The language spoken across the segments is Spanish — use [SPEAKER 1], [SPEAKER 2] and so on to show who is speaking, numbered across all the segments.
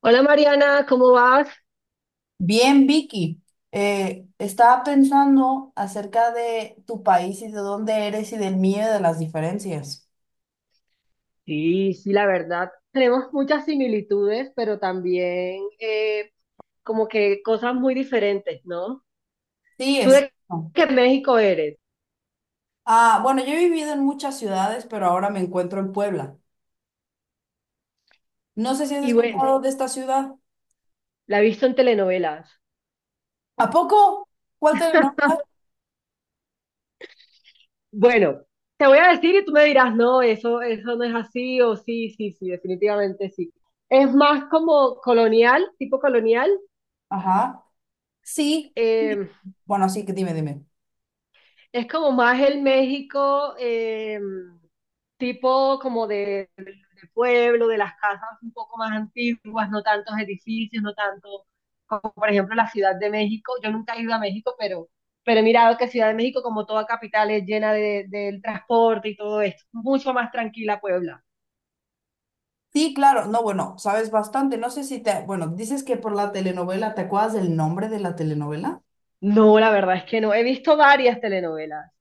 [SPEAKER 1] Hola Mariana, ¿cómo vas?
[SPEAKER 2] Bien, Vicky. Estaba pensando acerca de tu país y de dónde eres y del mío y de las diferencias.
[SPEAKER 1] Sí, sí, la verdad, tenemos muchas similitudes, pero también como que cosas muy diferentes, ¿no?
[SPEAKER 2] Sí,
[SPEAKER 1] Tú
[SPEAKER 2] es.
[SPEAKER 1] de que México eres,
[SPEAKER 2] Ah, bueno, yo he vivido en muchas ciudades, pero ahora me encuentro en Puebla. No sé si has
[SPEAKER 1] y bueno,
[SPEAKER 2] escuchado de esta ciudad.
[SPEAKER 1] la he visto en telenovelas.
[SPEAKER 2] ¿A poco? ¿Cuál te nombra?
[SPEAKER 1] Bueno, te voy a decir y tú me dirás, no, eso no es así, o sí, sí, sí, definitivamente sí. Es más como colonial, tipo colonial,
[SPEAKER 2] Ajá. Sí, sí.
[SPEAKER 1] eh,
[SPEAKER 2] Bueno, sí, que dime.
[SPEAKER 1] es como más el México, tipo como pueblo, de las casas un poco más antiguas, no tantos edificios, no tanto como por ejemplo la Ciudad de México. Yo nunca he ido a México, pero he mirado que Ciudad de México, como toda capital, es llena del transporte y todo esto. Mucho más tranquila Puebla.
[SPEAKER 2] Sí, claro. No, bueno, sabes bastante. No sé si te. Bueno, dices que por la telenovela, ¿te acuerdas del nombre de la telenovela?
[SPEAKER 1] No, la verdad es que no. He visto varias telenovelas,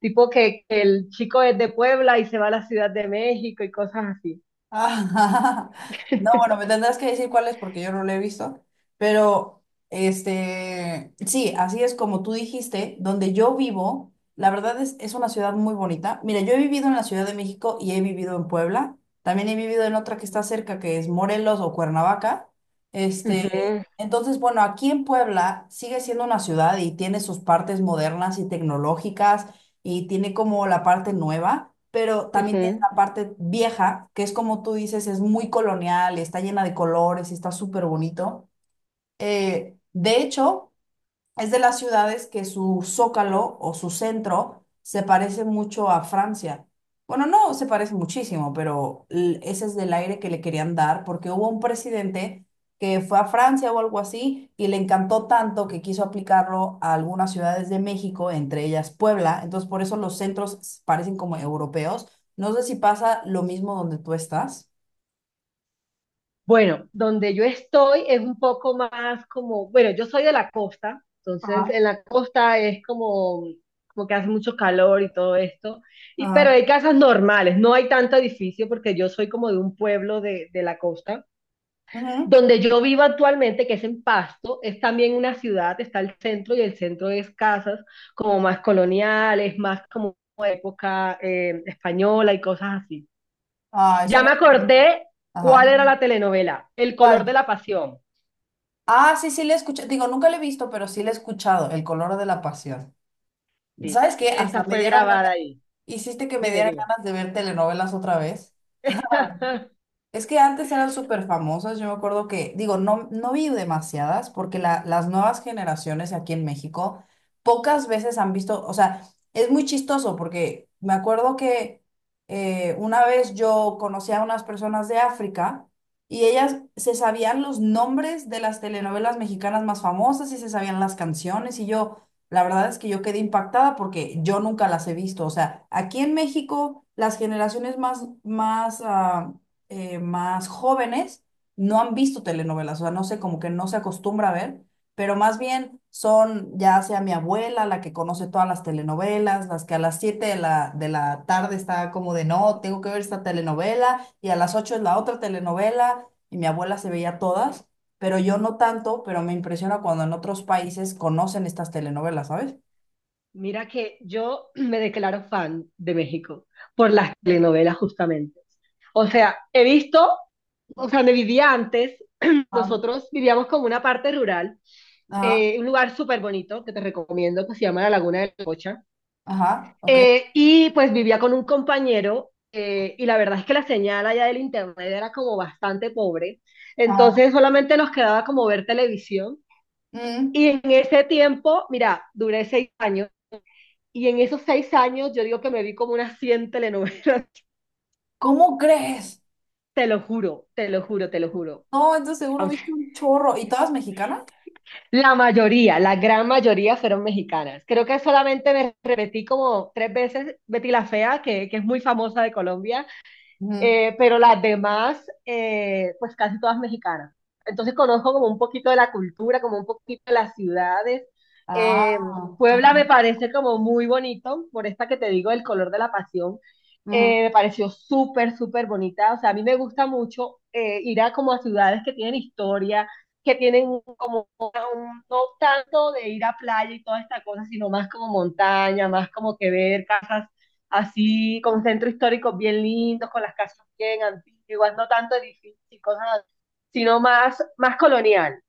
[SPEAKER 1] tipo que el chico es de Puebla y se va a la Ciudad de México y cosas así.
[SPEAKER 2] Ah, no, bueno, me tendrás que decir cuál es porque yo no lo he visto, pero este, sí, así es como tú dijiste, donde yo vivo, la verdad es una ciudad muy bonita. Mira, yo he vivido en la Ciudad de México y he vivido en Puebla, también he vivido en otra que está cerca, que es Morelos o Cuernavaca. Este,
[SPEAKER 1] Ujú,
[SPEAKER 2] entonces, bueno, aquí en Puebla sigue siendo una ciudad y tiene sus partes modernas y tecnológicas y tiene como la parte nueva. Pero también
[SPEAKER 1] ujú.
[SPEAKER 2] parte vieja, que es como tú dices, es muy colonial, está llena de colores, está súper bonito. De hecho, es de las ciudades que su zócalo o su centro se parece mucho a Francia. Bueno, no se parece muchísimo, pero ese es del aire que le querían dar porque hubo un presidente que fue a Francia o algo así y le encantó tanto que quiso aplicarlo a algunas ciudades de México, entre ellas Puebla. Entonces, por eso los centros parecen como europeos. No sé si pasa lo mismo donde tú estás.
[SPEAKER 1] Bueno, donde yo estoy es un poco más como, bueno, yo soy de la costa, entonces
[SPEAKER 2] Ajá,
[SPEAKER 1] en la costa es como que hace mucho calor y todo esto, pero
[SPEAKER 2] ajá.
[SPEAKER 1] hay casas normales, no hay tanto edificio porque yo soy como de un pueblo de la costa.
[SPEAKER 2] Ujú.
[SPEAKER 1] Donde yo vivo actualmente, que es en Pasto, es también una ciudad, está el centro y el centro es casas como más coloniales, más como época española y cosas así.
[SPEAKER 2] Ah, eso
[SPEAKER 1] Ya
[SPEAKER 2] no.
[SPEAKER 1] me acordé
[SPEAKER 2] Ajá.
[SPEAKER 1] cuál era la telenovela, El color de
[SPEAKER 2] ¿Cuál?
[SPEAKER 1] la pasión.
[SPEAKER 2] Ah, sí, sí, le he escuchado. Digo, nunca le he visto, pero sí le he escuchado, El color de la pasión.
[SPEAKER 1] Sí.
[SPEAKER 2] ¿Sabes qué? Hasta
[SPEAKER 1] Esa
[SPEAKER 2] me
[SPEAKER 1] fue
[SPEAKER 2] dieron
[SPEAKER 1] grabada
[SPEAKER 2] ganas,
[SPEAKER 1] ahí.
[SPEAKER 2] hiciste que me
[SPEAKER 1] Dime,
[SPEAKER 2] dieran
[SPEAKER 1] dime.
[SPEAKER 2] ganas de ver telenovelas otra vez. Es que antes eran súper famosas, yo me acuerdo que, digo, no, no vi demasiadas porque las nuevas generaciones aquí en México pocas veces han visto, o sea, es muy chistoso porque me acuerdo que una vez yo conocí a unas personas de África y ellas se sabían los nombres de las telenovelas mexicanas más famosas y se sabían las canciones y yo, la verdad es que yo quedé impactada porque yo nunca las he visto, o sea, aquí en México las generaciones más jóvenes no han visto telenovelas, o sea, no sé, como que no se acostumbra a ver, pero más bien son ya sea mi abuela la que conoce todas las telenovelas, las que a las 7 de la tarde está como de no, tengo que ver esta telenovela, y a las 8 es la otra telenovela, y mi abuela se veía todas, pero yo no tanto, pero me impresiona cuando en otros países conocen estas telenovelas, ¿sabes?
[SPEAKER 1] Mira que yo me declaro fan de México por las telenovelas justamente. O sea, he visto, o sea, me vivía antes,
[SPEAKER 2] Ah,
[SPEAKER 1] nosotros vivíamos como una parte rural,
[SPEAKER 2] ajá,
[SPEAKER 1] un lugar súper bonito que te recomiendo que se llama La Laguna de la Cocha.
[SPEAKER 2] ajá, ok.
[SPEAKER 1] Y pues vivía con un compañero y la verdad es que la señal allá del internet era como bastante pobre,
[SPEAKER 2] Ajá.
[SPEAKER 1] entonces solamente nos quedaba como ver televisión.
[SPEAKER 2] Mm.
[SPEAKER 1] Y en ese tiempo, mira, duré 6 años y en esos 6 años yo digo que me vi como unas 100 telenovelas.
[SPEAKER 2] ¿Cómo crees?
[SPEAKER 1] Te lo juro, te lo juro, te lo juro.
[SPEAKER 2] No, entonces seguro
[SPEAKER 1] O sea,
[SPEAKER 2] viste un chorro. ¿Y todas mexicanas?
[SPEAKER 1] la mayoría, la gran mayoría fueron mexicanas. Creo que solamente me repetí como tres veces Betty la Fea, que es muy famosa de Colombia,
[SPEAKER 2] Ujú.
[SPEAKER 1] pero las demás, pues casi todas mexicanas. Entonces conozco como un poquito de la cultura, como un poquito de las ciudades.
[SPEAKER 2] Ah,
[SPEAKER 1] Eh, Puebla
[SPEAKER 2] ajá,
[SPEAKER 1] me parece como muy bonito, por esta que te digo, el color de la pasión.
[SPEAKER 2] ujú.
[SPEAKER 1] Me pareció súper, súper bonita. O sea, a mí me gusta mucho ir a como a ciudades que tienen historia, que tienen como no tanto de ir a playa y toda esta cosa, sino más como montaña, más como que ver casas así, con centro histórico bien lindos, con las casas bien antiguas, no tanto edificios y cosas así, sino más, más colonial.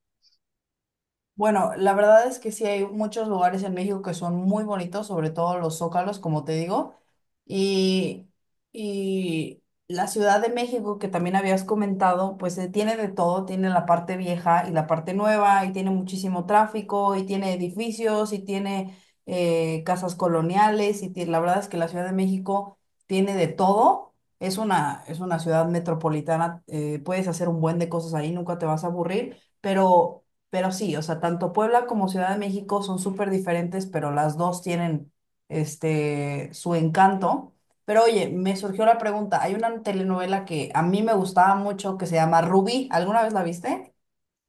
[SPEAKER 2] Bueno, la verdad es que sí hay muchos lugares en México que son muy bonitos, sobre todo los zócalos, como te digo. Y, y la Ciudad de México, que también habías comentado, pues tiene de todo, tiene la parte vieja y la parte nueva, y tiene muchísimo tráfico, y tiene edificios, y tiene casas coloniales, y la verdad es que la Ciudad de México tiene de todo. Es una ciudad metropolitana, puedes hacer un buen de cosas ahí, nunca te vas a aburrir, pero sí, o sea, tanto Puebla como Ciudad de México son súper diferentes, pero las dos tienen este, su encanto. Pero oye, me surgió la pregunta, hay una telenovela que a mí me gustaba mucho que se llama Rubí, ¿alguna vez la viste?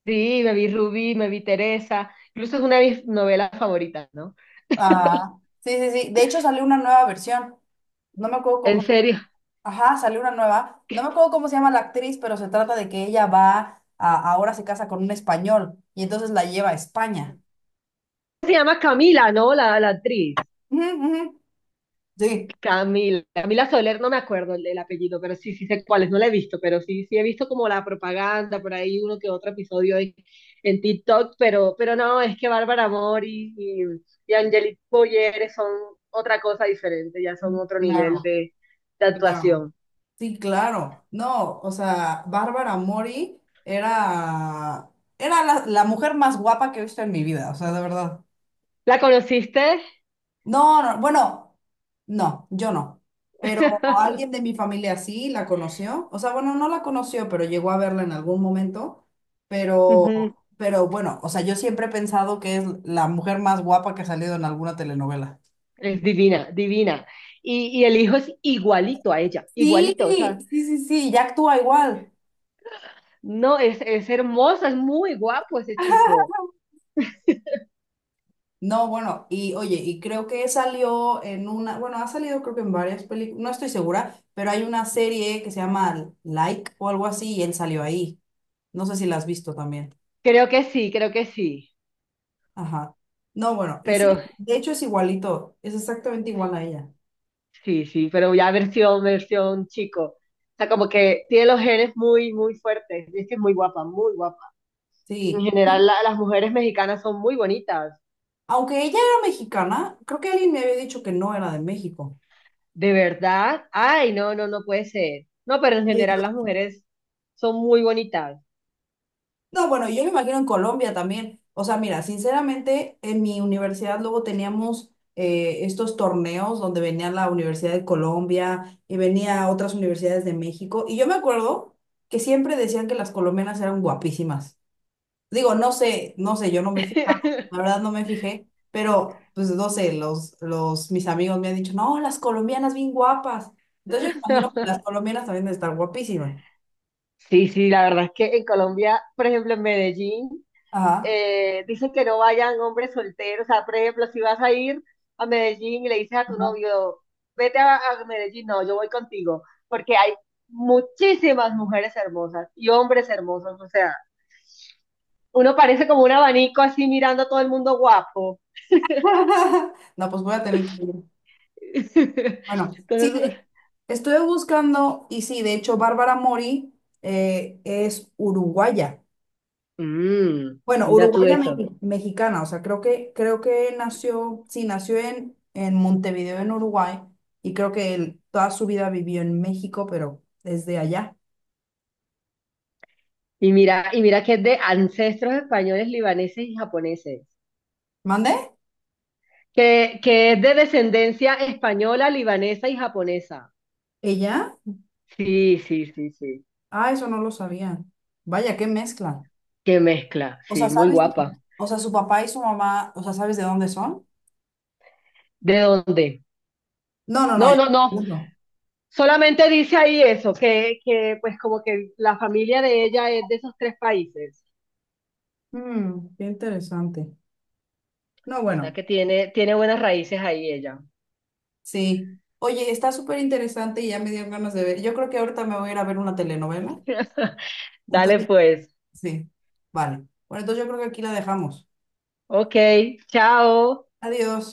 [SPEAKER 1] Sí, me vi Rubí, me vi Teresa, incluso es una de mis novelas favoritas, ¿no?
[SPEAKER 2] Ah, sí, sí, sí, de hecho salió una nueva versión, no me acuerdo
[SPEAKER 1] En
[SPEAKER 2] cómo,
[SPEAKER 1] serio.
[SPEAKER 2] ajá, salió una nueva, no me acuerdo cómo se llama la actriz, pero se trata de que ella va, a, ahora se casa con un español y entonces la lleva a España.
[SPEAKER 1] Se llama Camila, ¿no? La actriz.
[SPEAKER 2] Ujú, ujú. Sí.
[SPEAKER 1] Camila, Camila Soler, no me acuerdo el apellido, pero sí, sí sé cuáles, no la he visto, pero sí, sí he visto como la propaganda, por ahí uno que otro episodio en TikTok, pero no, es que Bárbara Mori y Angelique Boyer son otra cosa diferente, ya son otro nivel
[SPEAKER 2] Claro,
[SPEAKER 1] de
[SPEAKER 2] claro.
[SPEAKER 1] actuación.
[SPEAKER 2] Sí, claro. No, o sea, Bárbara Mori era la mujer más guapa que he visto en mi vida, o sea, de verdad.
[SPEAKER 1] ¿La conociste?
[SPEAKER 2] No, no, bueno, no, yo no. Pero alguien de mi familia sí la conoció. O sea, bueno, no la conoció, pero llegó a verla en algún momento.
[SPEAKER 1] Ujú.
[SPEAKER 2] Pero bueno, o sea, yo siempre he pensado que es la mujer más guapa que ha salido en alguna telenovela.
[SPEAKER 1] Es divina, divina. Y el hijo es igualito a ella,
[SPEAKER 2] Sí,
[SPEAKER 1] igualito, o sea,
[SPEAKER 2] sí, sí, sí, ya actúa igual.
[SPEAKER 1] no, es hermoso, es muy guapo ese chico.
[SPEAKER 2] No, bueno, y oye, y creo que salió en una, bueno, ha salido creo que en varias películas, no estoy segura, pero hay una serie que se llama Like o algo así y él salió ahí. No sé si la has visto también.
[SPEAKER 1] Creo que sí,
[SPEAKER 2] Ajá. No, bueno, y sí,
[SPEAKER 1] pero
[SPEAKER 2] de hecho es igualito, es exactamente igual a ella.
[SPEAKER 1] sí, sí, pero ya versión, versión chico. O sea, como que tiene los genes muy, muy fuertes. Es que es muy guapa, muy guapa. En
[SPEAKER 2] Sí,
[SPEAKER 1] general, las mujeres mexicanas son muy bonitas.
[SPEAKER 2] aunque ella era mexicana, creo que alguien me había dicho que no era de México.
[SPEAKER 1] De verdad. Ay, no, no, no puede ser. No, pero en general las mujeres son muy bonitas.
[SPEAKER 2] No, bueno, yo me imagino en Colombia también. O sea, mira, sinceramente, en mi universidad luego teníamos estos torneos donde venía la Universidad de Colombia y venía otras universidades de México. Y yo me acuerdo que siempre decían que las colombianas eran guapísimas. Digo, no sé, no sé, yo no me fijaba, la verdad no me fijé, pero pues no sé, mis amigos me han dicho, no, las colombianas bien guapas. Entonces yo me imagino que las colombianas también deben estar guapísimas.
[SPEAKER 1] Sí, sí, la verdad es que en Colombia, por ejemplo, en Medellín.
[SPEAKER 2] Ajá.
[SPEAKER 1] Dicen que no vayan hombres solteros. O sea, por ejemplo, si vas a ir a Medellín y le dices a tu
[SPEAKER 2] Ajá.
[SPEAKER 1] novio, vete a Medellín, no, yo voy contigo, porque hay muchísimas mujeres hermosas y hombres hermosos. O sea, uno parece como un abanico así mirando a todo el mundo guapo.
[SPEAKER 2] No, pues voy a tener que ir. Bueno, sí,
[SPEAKER 1] Entonces,
[SPEAKER 2] estuve buscando y sí, de hecho, Bárbara Mori es uruguaya.
[SPEAKER 1] mm,
[SPEAKER 2] Bueno,
[SPEAKER 1] mira tú
[SPEAKER 2] uruguaya
[SPEAKER 1] eso.
[SPEAKER 2] mexicana, o sea, creo que nació, sí, nació en Montevideo, en Uruguay, y creo que él toda su vida vivió en México, pero desde allá.
[SPEAKER 1] Y mira que es de ancestros españoles, libaneses y japoneses.
[SPEAKER 2] ¿Mande?
[SPEAKER 1] Que es de descendencia española, libanesa y japonesa.
[SPEAKER 2] ¿Ella?
[SPEAKER 1] Sí, sí, sí, sí.
[SPEAKER 2] Ah, eso no lo sabía. Vaya, qué mezcla.
[SPEAKER 1] Qué mezcla,
[SPEAKER 2] O sea,
[SPEAKER 1] sí, muy
[SPEAKER 2] ¿sabes?
[SPEAKER 1] guapa.
[SPEAKER 2] O sea, su papá y su mamá, o sea, ¿sabes de dónde son?
[SPEAKER 1] ¿De dónde?
[SPEAKER 2] No, no, no,
[SPEAKER 1] No, no, no.
[SPEAKER 2] no.
[SPEAKER 1] Solamente dice ahí eso, que pues como que la familia de ella es de esos tres países.
[SPEAKER 2] Mm, qué interesante. No,
[SPEAKER 1] O sea
[SPEAKER 2] bueno.
[SPEAKER 1] que tiene buenas raíces ahí ella.
[SPEAKER 2] Sí. Oye, está súper interesante y ya me dieron ganas de ver. Yo creo que ahorita me voy a ir a ver una telenovela.
[SPEAKER 1] Dale
[SPEAKER 2] Entonces,
[SPEAKER 1] pues.
[SPEAKER 2] sí. Vale. Bueno, entonces yo creo que aquí la dejamos.
[SPEAKER 1] Ok, chao.
[SPEAKER 2] Adiós.